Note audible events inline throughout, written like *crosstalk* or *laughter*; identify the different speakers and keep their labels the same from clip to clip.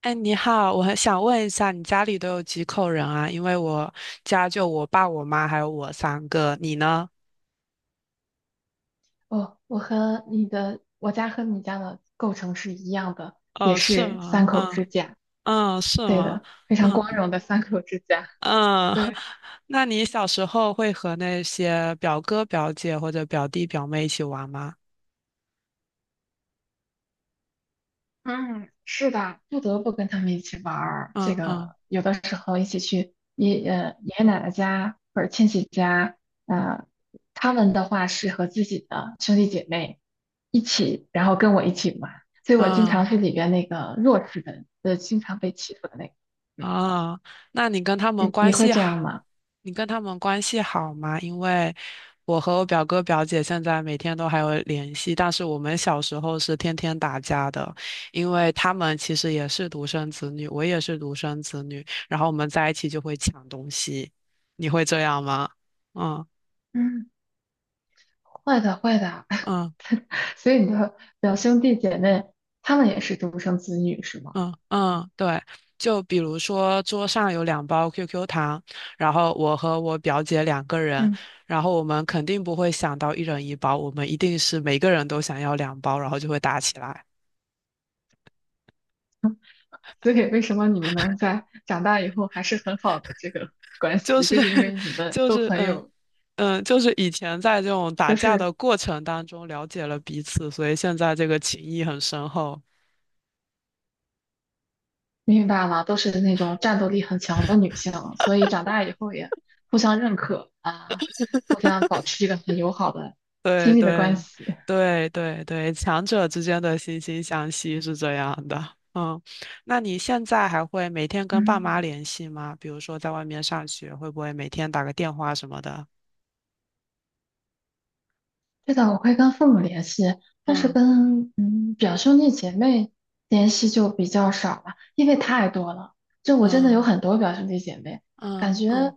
Speaker 1: 哎，你好，我很想问一下，你家里都有几口人啊？因为我家就我爸、我妈还有我三个，你呢？
Speaker 2: 哦，我家和你家的构成是一样的，也
Speaker 1: 哦，是
Speaker 2: 是
Speaker 1: 吗？
Speaker 2: 三口
Speaker 1: 嗯
Speaker 2: 之家。
Speaker 1: 嗯，是
Speaker 2: 对
Speaker 1: 吗？
Speaker 2: 的，非
Speaker 1: 嗯
Speaker 2: 常光荣的三口之家。
Speaker 1: 嗯，*laughs*
Speaker 2: 对，
Speaker 1: 那你小时候会和那些表哥、表姐或者表弟、表妹一起玩吗？
Speaker 2: 嗯，是的，不得不跟他们一起玩儿。这
Speaker 1: 嗯嗯
Speaker 2: 个有的时候一起去爷爷奶奶家或者亲戚家，呃，他们的话是和自己的兄弟姐妹一起，然后跟我一起玩，所以我经
Speaker 1: 嗯
Speaker 2: 常是里边那个弱势的，经常被欺负的那个。嗯，
Speaker 1: 啊，那你跟他们
Speaker 2: 你
Speaker 1: 关
Speaker 2: 你会
Speaker 1: 系
Speaker 2: 这样
Speaker 1: 好，
Speaker 2: 吗？
Speaker 1: 你跟他们关系好吗？因为我和我表哥表姐现在每天都还有联系，但是我们小时候是天天打架的，因为他们其实也是独生子女，我也是独生子女，然后我们在一起就会抢东西。你会这样吗？嗯
Speaker 2: 嗯。会的，会的。
Speaker 1: 嗯。
Speaker 2: *laughs* 所以你的表兄弟姐妹，他们也是独生子女，是吗？
Speaker 1: 嗯嗯，对，就比如说桌上有两包 QQ 糖，然后我和我表姐两个人，
Speaker 2: 嗯，
Speaker 1: 然后我们肯定不会想到一人一包，我们一定是每个人都想要两包，然后就会打起来，
Speaker 2: 所以为什么你们能在长大以后还是很好的这个 *laughs* 关
Speaker 1: 就
Speaker 2: 系，
Speaker 1: 是
Speaker 2: 就是因
Speaker 1: *laughs*
Speaker 2: 为你们
Speaker 1: 就
Speaker 2: 都
Speaker 1: 是
Speaker 2: 很
Speaker 1: 嗯
Speaker 2: 有，
Speaker 1: 嗯，就是以前在这种
Speaker 2: 就
Speaker 1: 打架
Speaker 2: 是
Speaker 1: 的过程当中了解了彼此，所以现在这个情谊很深厚。
Speaker 2: 明白了，都是那种战斗力很强的女性，所以长大以后也互相认可啊，互相保持一个很友好的
Speaker 1: 对
Speaker 2: 亲密的关
Speaker 1: 对
Speaker 2: 系。
Speaker 1: 对对对，强者之间的惺惺相惜是这样的。嗯，那你现在还会每天跟爸妈
Speaker 2: 嗯。
Speaker 1: 联系吗？比如说在外面上学，会不会每天打个电话什么的？
Speaker 2: 对的，我会跟父母联系，但是
Speaker 1: 嗯
Speaker 2: 跟表兄弟姐妹联系就比较少了，因为太多了。这我真的有
Speaker 1: 嗯
Speaker 2: 很多表兄弟姐妹，感
Speaker 1: 嗯嗯，
Speaker 2: 觉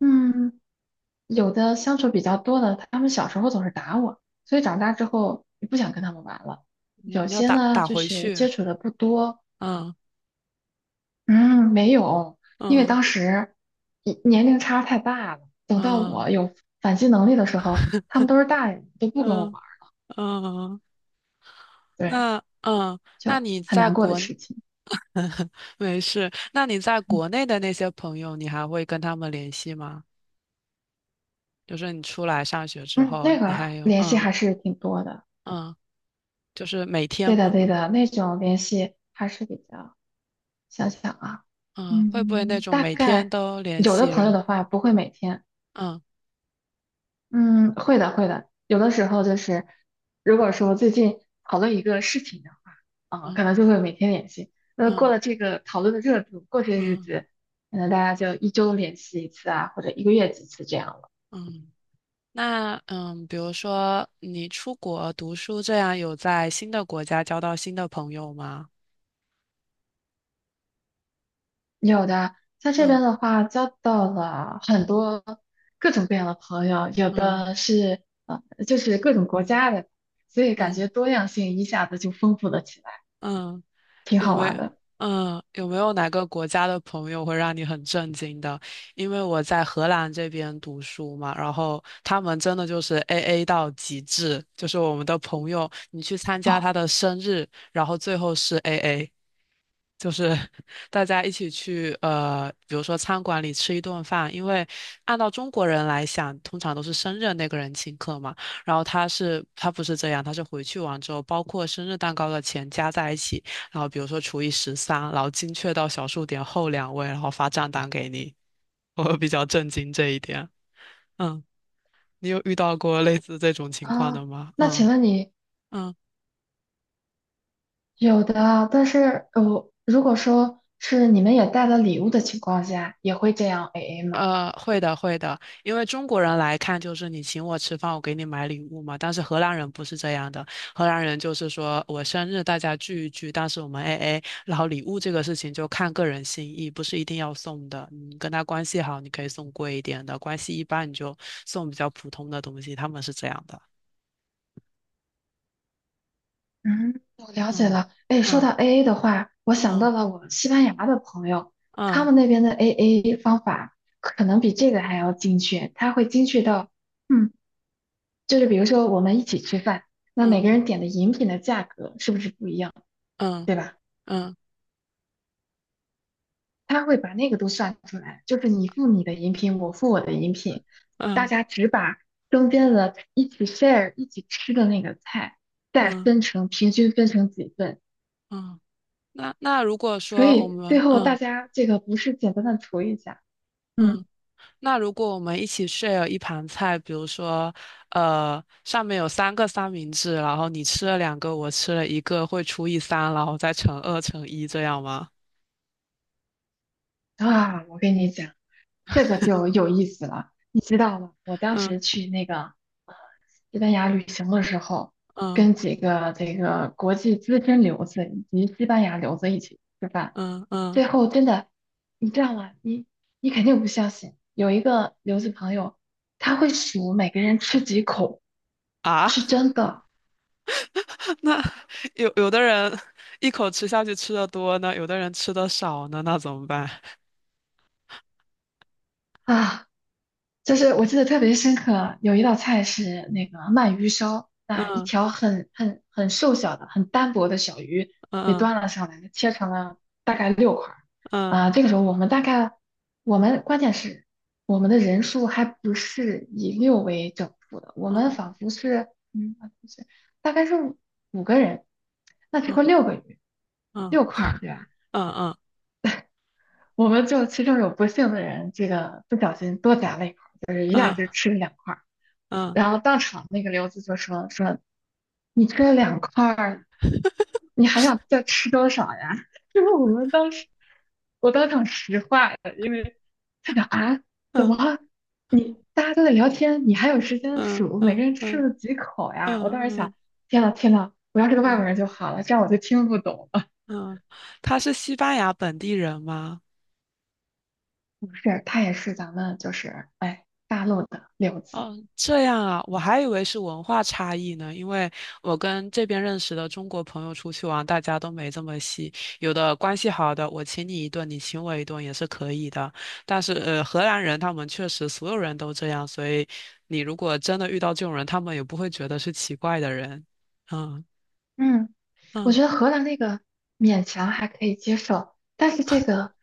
Speaker 2: 嗯有的相处比较多的，他们小时候总是打我，所以长大之后也不想跟他们玩了。
Speaker 1: 你要
Speaker 2: 有
Speaker 1: 你要
Speaker 2: 些
Speaker 1: 打
Speaker 2: 呢
Speaker 1: 打
Speaker 2: 就
Speaker 1: 回
Speaker 2: 是
Speaker 1: 去。
Speaker 2: 接触的不多，
Speaker 1: 嗯
Speaker 2: 嗯没有，因为
Speaker 1: 嗯
Speaker 2: 当时年龄差太大了。等到
Speaker 1: 嗯
Speaker 2: 我有反击能力的时候，他们都是大人，都不跟我
Speaker 1: 嗯
Speaker 2: 玩儿。
Speaker 1: 嗯，
Speaker 2: 对。
Speaker 1: 那嗯，
Speaker 2: 就
Speaker 1: 那你
Speaker 2: 很
Speaker 1: 在
Speaker 2: 难过的
Speaker 1: 国
Speaker 2: 事情。
Speaker 1: *laughs* 没事，那你在
Speaker 2: 嗯，
Speaker 1: 国内的那些朋友，你还会跟他们联系吗？就是你出来上学之
Speaker 2: 嗯
Speaker 1: 后，
Speaker 2: 那
Speaker 1: 你
Speaker 2: 个
Speaker 1: 还有
Speaker 2: 联系
Speaker 1: 嗯
Speaker 2: 还是挺多的。
Speaker 1: 嗯，就是每天
Speaker 2: 对的，
Speaker 1: 吗？
Speaker 2: 对的，那种联系还是比较，想想啊，
Speaker 1: 嗯，会不会那种
Speaker 2: 大
Speaker 1: 每天
Speaker 2: 概
Speaker 1: 都联
Speaker 2: 有的
Speaker 1: 系
Speaker 2: 朋友
Speaker 1: 人？
Speaker 2: 的话不会每天，
Speaker 1: 嗯
Speaker 2: 嗯，会的，会的，有的时候就是，如果说最近讨论一个事情的话，啊，
Speaker 1: 嗯
Speaker 2: 可能就会每天联系。那过
Speaker 1: 嗯
Speaker 2: 了这个讨论的热度，过些日
Speaker 1: 嗯
Speaker 2: 子，可能大家就一周联系一次啊，或者一个月几次这样了
Speaker 1: 嗯。那嗯，比如说你出国读书，这样有在新的国家交到新的朋友吗？
Speaker 2: 有的，在这边
Speaker 1: 嗯
Speaker 2: 的话，交到了很多各种各样的朋友，有
Speaker 1: 嗯
Speaker 2: 的是就是各种国家的，所以感
Speaker 1: 嗯
Speaker 2: 觉多样性一下子就丰富了起来，
Speaker 1: 嗯
Speaker 2: 挺
Speaker 1: 有
Speaker 2: 好
Speaker 1: 没
Speaker 2: 玩的。
Speaker 1: 嗯有没有哪个国家的朋友会让你很震惊的？因为我在荷兰这边读书嘛，然后他们真的就是 AA 到极致，就是我们的朋友，你去参加
Speaker 2: 哦，
Speaker 1: 他的生日，然后最后是 AA。就是 *laughs* 大家一起去比如说餐馆里吃一顿饭，因为按照中国人来想，通常都是生日那个人请客嘛。然后他是他不是这样，他是回去完之后，包括生日蛋糕的钱加在一起，然后比如说除以十三，然后精确到小数点后两位，然后发账单给你。我比较震惊这一点。嗯，你有遇到过类似这种情况
Speaker 2: 啊，
Speaker 1: 的吗？
Speaker 2: 那请
Speaker 1: 嗯
Speaker 2: 问你
Speaker 1: 嗯。
Speaker 2: 有的，但是如果说是你们也带了礼物的情况下，也会这样 AA 吗？
Speaker 1: 会的，会的，因为中国人来看就是你请我吃饭，我给你买礼物嘛。但是荷兰人不是这样的，荷兰人就是说我生日大家聚一聚，但是我们 AA，然后礼物这个事情就看个人心意，不是一定要送的。你跟他关系好，你可以送贵一点的；关系一般，你就送比较普通的东西。他们是这样的。
Speaker 2: 嗯，我了解
Speaker 1: 嗯
Speaker 2: 了。哎，说
Speaker 1: 嗯
Speaker 2: 到 AA 的话，我想
Speaker 1: 嗯
Speaker 2: 到了我西班牙的朋友，他
Speaker 1: 嗯
Speaker 2: 们那边的 AA 方法可能比这个还要精确。他会精确到，嗯，就是比如说我们一起吃饭，那每
Speaker 1: 嗯
Speaker 2: 个人点的饮品的价格是不是不一样，
Speaker 1: 嗯
Speaker 2: 对吧？
Speaker 1: 嗯
Speaker 2: 他会把那个都算出来，就是你付你的饮品，我付我的饮品，大
Speaker 1: 嗯
Speaker 2: 家只把中间的一起 share 一起吃的那个菜再
Speaker 1: 嗯嗯。
Speaker 2: 分成平均分成几份，
Speaker 1: 嗯那如果
Speaker 2: 所
Speaker 1: 说我
Speaker 2: 以最
Speaker 1: 们
Speaker 2: 后大
Speaker 1: 嗯。
Speaker 2: 家这个不是简单的涂一下，嗯
Speaker 1: 嗯那如果我们一起 share 一盘菜，比如说，上面有三个三明治，然后你吃了两个，我吃了一个，会除以三，然后再乘二乘一这样吗？
Speaker 2: 我跟你讲，这个就有意思了。你知道吗？我当时
Speaker 1: 嗯
Speaker 2: 去那个西班牙旅行的时候，
Speaker 1: 嗯
Speaker 2: 跟几个这个国际资深留子以及西班牙留子一起吃饭，
Speaker 1: 嗯嗯
Speaker 2: 最后真的，你知道吗？你肯定不相信，有一个留子朋友，他会数每个人吃几口，
Speaker 1: 啊，
Speaker 2: 是真的
Speaker 1: 那有的人一口吃下去吃的多呢，有的人吃的少呢，那怎么办？
Speaker 2: 啊。就是我记得特别深刻，有一道菜是那个鳗鱼烧，啊，一
Speaker 1: 嗯
Speaker 2: 条很瘦小的、很单薄的小鱼被
Speaker 1: 嗯
Speaker 2: 端了上来，切成了大概六块儿。
Speaker 1: 嗯
Speaker 2: 啊，这个时候我们关键是我们的人数还不是以六为整数的，我们
Speaker 1: 嗯
Speaker 2: 仿佛是，啊不是，大概是五个人，那这块
Speaker 1: 嗯
Speaker 2: 六个鱼，
Speaker 1: 嗯
Speaker 2: 六块儿，对吧？
Speaker 1: 嗯
Speaker 2: 我们就其中有不幸的人，这个不小心多夹了一块儿。
Speaker 1: 嗯嗯
Speaker 2: 然后当场那个刘子就说你这两块儿，你还想再吃多少呀？*laughs* 就是我们当时，我当场石化了，因为他讲啊，怎
Speaker 1: 嗯
Speaker 2: 么你大家都在聊天，你还有时间
Speaker 1: 嗯
Speaker 2: 数每个
Speaker 1: 嗯
Speaker 2: 人吃
Speaker 1: 嗯
Speaker 2: 了几口呀？我当时想，
Speaker 1: 嗯
Speaker 2: 天呐天呐，我要是个外
Speaker 1: 嗯。
Speaker 2: 国人就好了，这样我就听不懂了。
Speaker 1: 嗯，他是西班牙本地人吗？
Speaker 2: *laughs* 是，他也是咱们就是哎大陆的刘子，
Speaker 1: 哦，这样啊，我还以为是文化差异呢，因为我跟这边认识的中国朋友出去玩，大家都没这么细，有的关系好的，我请你一顿，你请我一顿也是可以的。但是荷兰人他们确实所有人都这样，所以你如果真的遇到这种人，他们也不会觉得是奇怪的人。嗯
Speaker 2: 嗯，我
Speaker 1: 嗯，
Speaker 2: 觉得荷兰那个勉强还可以接受，但是这个。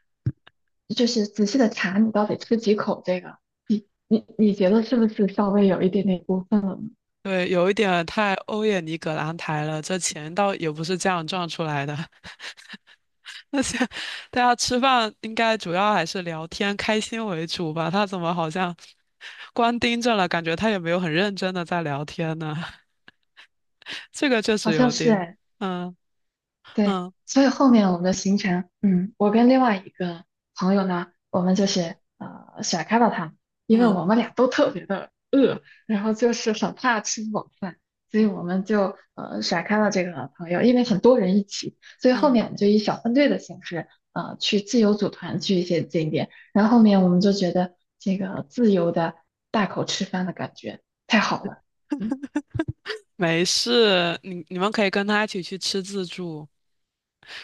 Speaker 2: 就是仔细的查你到底吃几口这个，你觉得是不是稍微有一点点过分？
Speaker 1: 对，有一点太欧也尼葛朗台了，这钱倒也不是这样赚出来的。*laughs* 而且大家吃饭应该主要还是聊天、开心为主吧？他怎么好像光盯着了，感觉他也没有很认真的在聊天呢？*laughs* 这个确
Speaker 2: 好
Speaker 1: 实
Speaker 2: 像
Speaker 1: 有
Speaker 2: 是
Speaker 1: 点，
Speaker 2: 哎。
Speaker 1: 嗯
Speaker 2: 对，
Speaker 1: 嗯
Speaker 2: 所以后面我们的行程，我跟另外一个朋友呢，我们就是甩开了他们因为我
Speaker 1: 嗯
Speaker 2: 们俩都特别的饿，然后就是很怕吃不饱饭，所以
Speaker 1: 嗯
Speaker 2: 我们就甩开了这个朋友，因为很多人一起，所以后
Speaker 1: 嗯，
Speaker 2: 面我们就以小分队的形式，去自由组团去一些景点，然后后面我们就觉得这个自由的大口吃饭的感觉太好了，嗯。
Speaker 1: 没事，你们可以跟他一起去吃自助，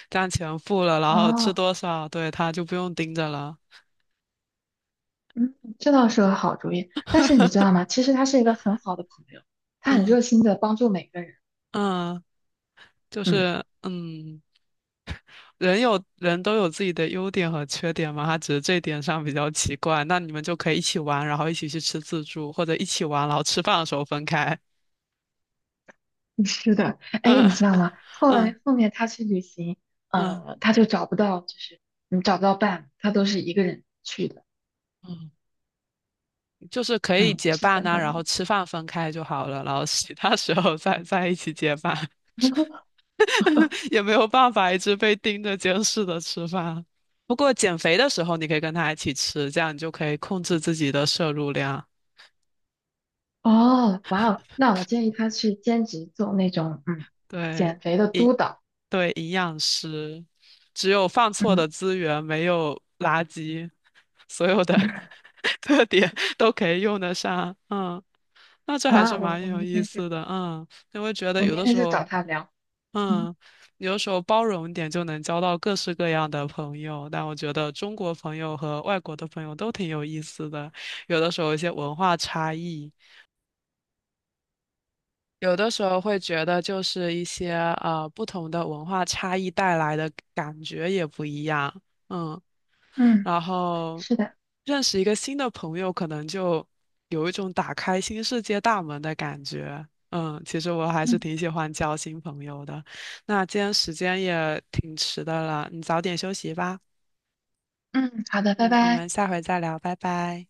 Speaker 1: 这样钱付了，然后吃
Speaker 2: 哦，
Speaker 1: 多少，对，他就不用盯着了。
Speaker 2: 嗯，这倒是个好主意。但是你知道吗？其实他是一个很好的朋友，他很
Speaker 1: 嗯
Speaker 2: 热心的帮助每个人。
Speaker 1: 嗯，就
Speaker 2: 嗯，
Speaker 1: 是嗯。人有人都有自己的优点和缺点嘛，他只是这点上比较奇怪。那你们就可以一起玩，然后一起去吃自助，或者一起玩，然后吃饭的时候分开。
Speaker 2: *laughs* 是的。
Speaker 1: *laughs*
Speaker 2: 哎，
Speaker 1: 嗯
Speaker 2: 你知道吗？后
Speaker 1: 嗯
Speaker 2: 来后面他去旅行，
Speaker 1: 嗯
Speaker 2: 他就找不到，就是找不到伴，他都是一个人去的。
Speaker 1: 嗯，就是可以
Speaker 2: 嗯，
Speaker 1: 结
Speaker 2: 是
Speaker 1: 伴
Speaker 2: 真
Speaker 1: 呐、
Speaker 2: 的
Speaker 1: 然后
Speaker 2: 吗？
Speaker 1: 吃饭分开就好了，然后其他时候再在一起结伴，
Speaker 2: *laughs*
Speaker 1: *laughs* 也没有办法一直被盯着监视的吃饭。不过减肥的时候你可以跟他一起吃，这样你就可以控制自己的摄入量。
Speaker 2: 哦，哇哦，那我建议他去兼职做那种
Speaker 1: 对。
Speaker 2: 减肥的
Speaker 1: 一。
Speaker 2: 督导。
Speaker 1: 对，营养师，只有放错的
Speaker 2: 嗯，
Speaker 1: 资源，没有垃圾，所有的
Speaker 2: *laughs*
Speaker 1: *laughs* 特点都可以用得上。嗯，那这还
Speaker 2: 哇
Speaker 1: 是
Speaker 2: 哦，
Speaker 1: 蛮
Speaker 2: 我
Speaker 1: 有
Speaker 2: 明
Speaker 1: 意
Speaker 2: 天
Speaker 1: 思的。嗯，因为觉得有
Speaker 2: 明
Speaker 1: 的
Speaker 2: 天
Speaker 1: 时
Speaker 2: 就找
Speaker 1: 候，
Speaker 2: 他聊。嗯
Speaker 1: 嗯，有的时候包容一点就能交到各式各样的朋友。但我觉得中国朋友和外国的朋友都挺有意思的，有的时候有一些文化差异。有的时候会觉得，就是一些不同的文化差异带来的感觉也不一样，嗯，
Speaker 2: 嗯，
Speaker 1: 然后
Speaker 2: 是的，
Speaker 1: 认识一个新的朋友，可能就有一种打开新世界大门的感觉，嗯，其实我还是
Speaker 2: 嗯
Speaker 1: 挺喜欢交新朋友的。那今天时间也挺迟的了，你早点休息吧，
Speaker 2: 嗯，好的，拜
Speaker 1: 嗯，我
Speaker 2: 拜。
Speaker 1: 们下回再聊，拜拜。